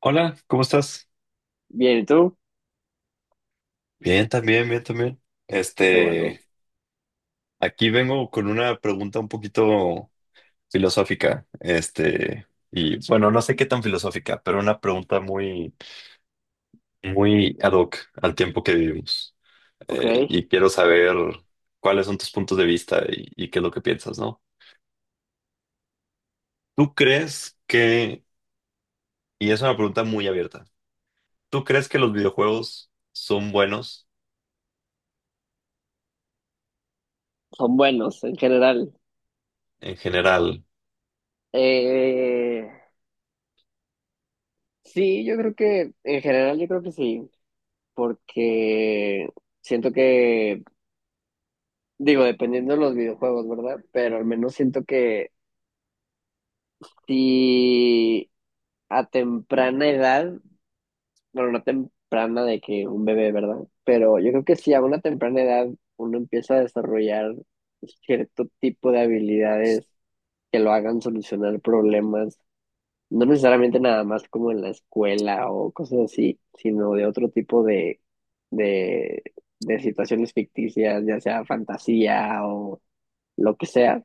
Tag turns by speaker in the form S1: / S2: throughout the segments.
S1: Hola, ¿cómo estás?
S2: Bien, ¿y tú?
S1: Bien, también, bien, también.
S2: Qué bueno.
S1: Este, aquí vengo con una pregunta un poquito filosófica, y bueno, no sé qué tan filosófica, pero una pregunta muy ad hoc al tiempo que vivimos.
S2: Ok,
S1: Y quiero saber cuáles son tus puntos de vista y qué es lo que piensas, ¿no? ¿Tú crees que, y es una pregunta muy abierta, ¿tú crees que los videojuegos son buenos
S2: son buenos en general.
S1: en general?
S2: Eh, sí, yo creo que, en general yo creo que sí, porque siento que, digo, dependiendo de los videojuegos, ¿verdad? Pero al menos siento que si a temprana edad, bueno, no temprana de que un bebé, ¿verdad? Pero yo creo que si a una temprana edad uno empieza a desarrollar cierto tipo de habilidades que lo hagan solucionar problemas. No necesariamente nada más como en la escuela o cosas así, sino de otro tipo de, de situaciones ficticias, ya sea fantasía o lo que sea.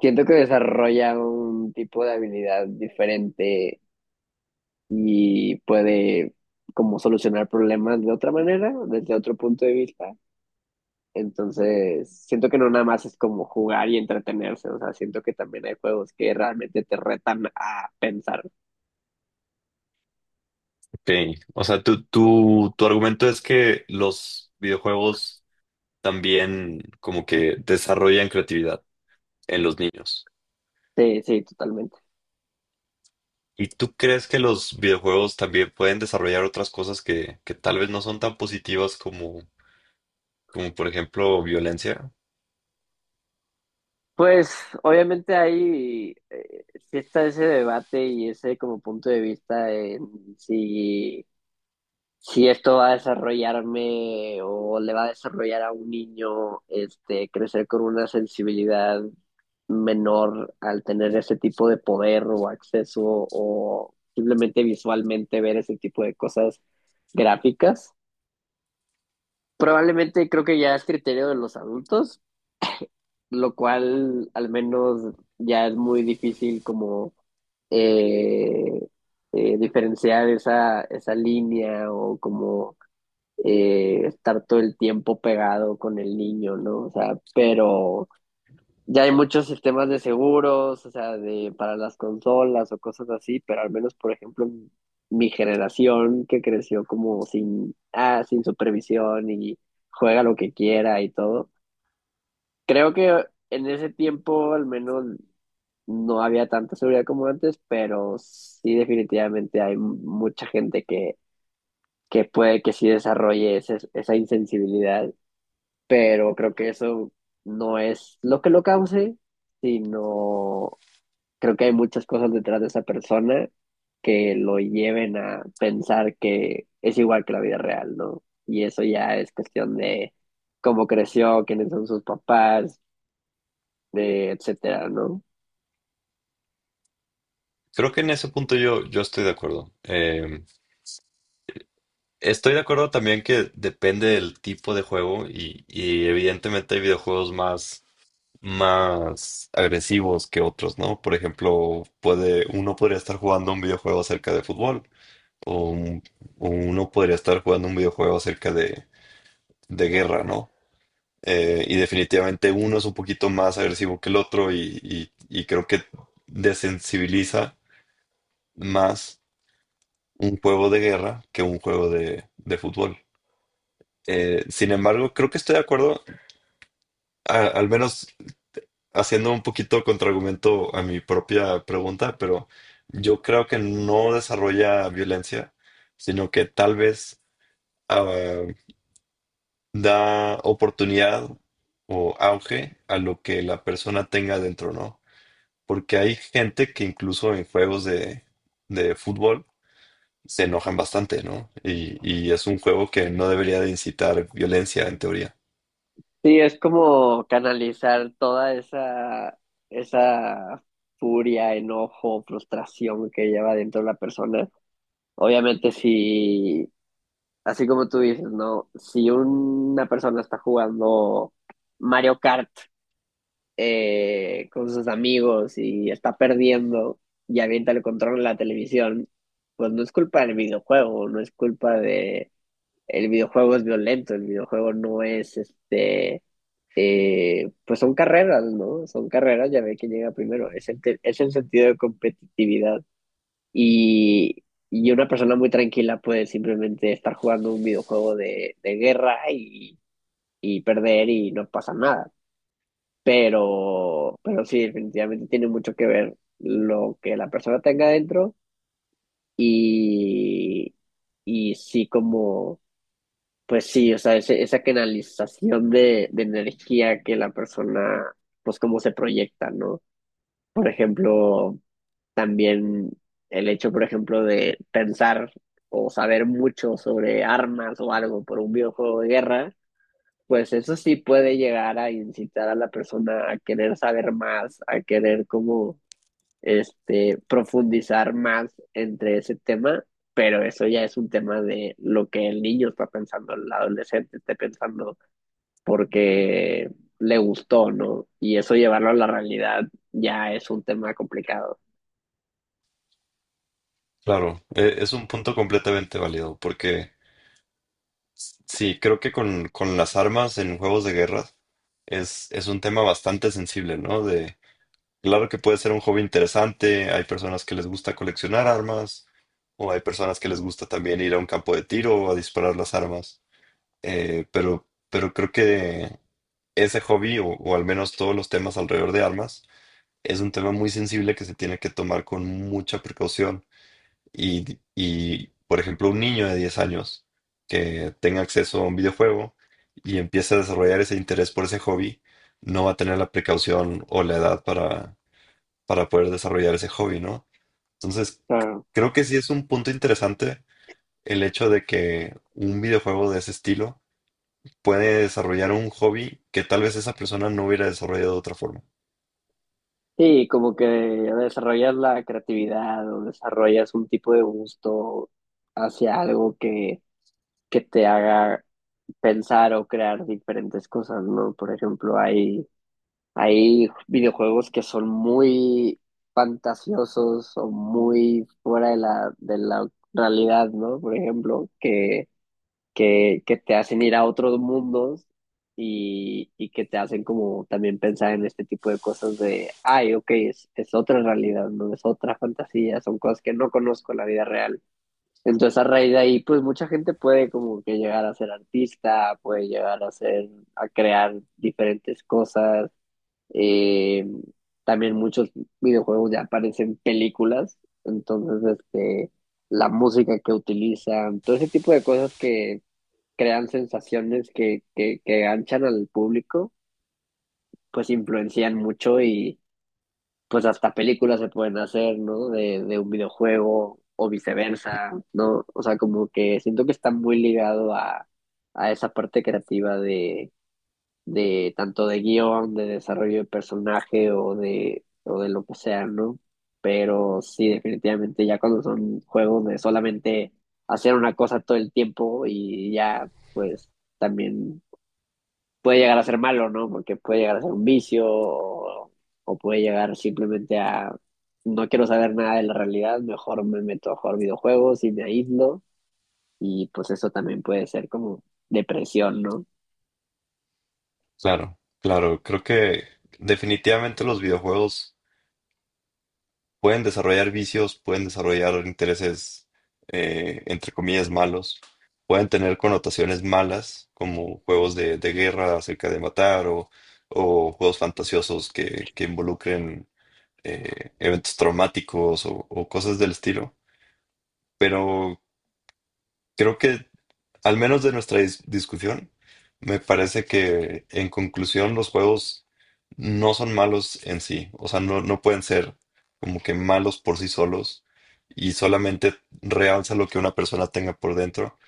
S2: Siento que desarrolla un tipo de habilidad diferente y puede como solucionar problemas de otra manera, desde otro punto de vista. Entonces, siento que no nada más es como jugar y entretenerse, o sea, siento que también hay juegos que realmente te retan a pensar.
S1: Ok, o sea, tu argumento es que los videojuegos también como que desarrollan creatividad en los niños.
S2: Sí, sí, totalmente.
S1: ¿Y tú crees que los videojuegos también pueden desarrollar otras cosas que tal vez no son tan positivas como por ejemplo violencia?
S2: Pues obviamente hay, sí está ese debate y ese como punto de vista en si, si esto va a desarrollarme o le va a desarrollar a un niño este, crecer con una sensibilidad menor al tener ese tipo de poder o acceso o simplemente visualmente ver ese tipo de cosas gráficas. Probablemente creo que ya es criterio de los adultos, lo cual al menos ya es muy difícil como eh, diferenciar esa, esa línea o como estar todo el tiempo pegado con el niño, ¿no? O sea, pero ya hay muchos sistemas de seguros, o sea, de, para las consolas o cosas así, pero al menos, por ejemplo, mi generación que creció como sin, sin supervisión y juega lo que quiera y todo. Creo que en ese tiempo al menos no había tanta seguridad como antes, pero sí definitivamente hay mucha gente que puede que sí desarrolle esa insensibilidad, pero creo que eso no es lo que lo cause, sino creo que hay muchas cosas detrás de esa persona que lo lleven a pensar que es igual que la vida real, ¿no? Y eso ya es cuestión de cómo creció, quiénes son sus papás, de etcétera, ¿no?
S1: Creo que en ese punto yo estoy de acuerdo. Estoy de acuerdo también que depende del tipo de juego y evidentemente hay videojuegos más agresivos que otros, ¿no? Por ejemplo, uno podría estar jugando un videojuego acerca de fútbol o, un- o uno podría estar jugando un videojuego acerca de guerra, ¿no? Y definitivamente uno es un poquito más agresivo que el otro y creo que desensibiliza más un juego de guerra que un juego de fútbol. Sin embargo, creo que estoy de acuerdo, al menos haciendo un poquito contraargumento a mi propia pregunta, pero yo creo que no desarrolla violencia, sino que tal vez ah, da oportunidad o auge a lo que la persona tenga dentro, ¿no? Porque hay gente que incluso en juegos de fútbol se enojan bastante, ¿no? Y es un juego que no debería de incitar violencia en teoría.
S2: Sí, es como canalizar toda esa, esa furia, enojo, frustración que lleva dentro la persona. Obviamente, si, así como tú dices, ¿no? Si una persona está jugando Mario Kart con sus amigos y está perdiendo y avienta el control en la televisión, pues no es culpa del videojuego, no es culpa de... El videojuego es violento, el videojuego no es este pues son carreras, ¿no? Son carreras, ya ve que llega primero. Es es el sentido de competitividad. Y, y una persona muy tranquila puede simplemente estar jugando un videojuego de guerra y perder y no pasa nada. Pero sí, definitivamente tiene mucho que ver lo que la persona tenga dentro y, y sí como. Pues sí, o sea, esa canalización de energía que la persona, pues cómo se proyecta, ¿no? Por ejemplo, también el hecho, por ejemplo, de pensar o saber mucho sobre armas o algo por un videojuego de guerra, pues eso sí puede llegar a incitar a la persona a querer saber más, a querer como, profundizar más entre ese tema, pero eso ya es un tema de lo que el niño está pensando, el adolescente esté pensando porque le gustó, ¿no? Y eso llevarlo a la realidad ya es un tema complicado.
S1: Claro, es un punto completamente válido, porque sí, creo que con las armas en juegos de guerra es un tema bastante sensible, ¿no? De, claro que puede ser un hobby interesante, hay personas que les gusta coleccionar armas, o hay personas que les gusta también ir a un campo de tiro o a disparar las armas, eh, pero, pero creo que ese hobby, o al menos todos los temas alrededor de armas, es un tema muy sensible que se tiene que tomar con mucha precaución por ejemplo, un niño de 10 años que tenga acceso a un videojuego y empiece a desarrollar ese interés por ese hobby, no va a tener la precaución o la edad para poder desarrollar ese hobby, ¿no? Entonces,
S2: Claro.
S1: creo que sí es un punto interesante el hecho de que un videojuego de ese estilo puede desarrollar un hobby que tal vez esa persona no hubiera desarrollado de otra forma.
S2: Sí, como que desarrollas la creatividad o desarrollas un tipo de gusto hacia algo que te haga pensar o crear diferentes cosas, ¿no? Por ejemplo, hay videojuegos que son muy fantasiosos o muy fuera de la realidad, ¿no? Por ejemplo, que te hacen ir a otros mundos y que te hacen como también pensar en este tipo de cosas de, ay, ok, es otra realidad, no es otra fantasía, son cosas que no conozco en la vida real. Entonces a raíz de ahí, pues mucha gente puede como que llegar a ser artista, puede llegar a ser, a crear diferentes cosas. eh, También muchos videojuegos ya aparecen películas, entonces la música que utilizan, todo ese tipo de cosas que crean sensaciones que ganchan al público, pues influencian mucho y pues hasta películas se pueden hacer, ¿no? De un videojuego o viceversa, ¿no? O sea, como que siento que está muy ligado a esa parte creativa de tanto de guión, de desarrollo de personaje o de lo que sea, ¿no? Pero sí, definitivamente ya cuando son juegos de solamente hacer una cosa todo el tiempo y ya, pues también puede llegar a ser malo, ¿no? Porque puede llegar a ser un vicio o puede llegar simplemente a no quiero saber nada de la realidad, mejor me meto a jugar videojuegos y me aíslo y pues eso también puede ser como depresión, ¿no?
S1: Claro, claro, creo que definitivamente los videojuegos pueden desarrollar vicios, pueden desarrollar intereses, entre comillas, malos, pueden tener connotaciones malas, como juegos de guerra acerca de matar o juegos fantasiosos que involucren eventos traumáticos o cosas del estilo. Pero creo que, al menos de nuestra discusión, me parece que en conclusión los juegos no son malos en sí, o sea, no pueden ser como que malos por sí solos y solamente realza lo que una persona tenga por dentro,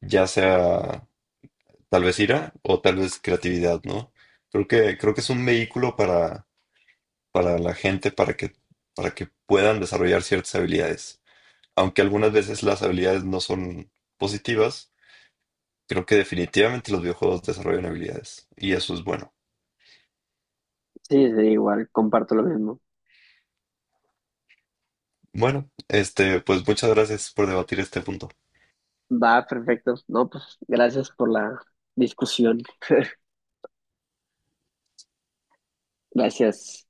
S1: ya sea tal vez ira o tal vez creatividad, ¿no? Creo que es un vehículo para la gente, para que puedan desarrollar ciertas habilidades, aunque algunas veces las habilidades no son positivas. Creo que definitivamente los videojuegos desarrollan habilidades y eso es bueno.
S2: Sí, sí, igual, comparto lo mismo.
S1: Bueno, pues muchas gracias por debatir este punto.
S2: Va, perfecto. No, pues gracias por la discusión. Gracias.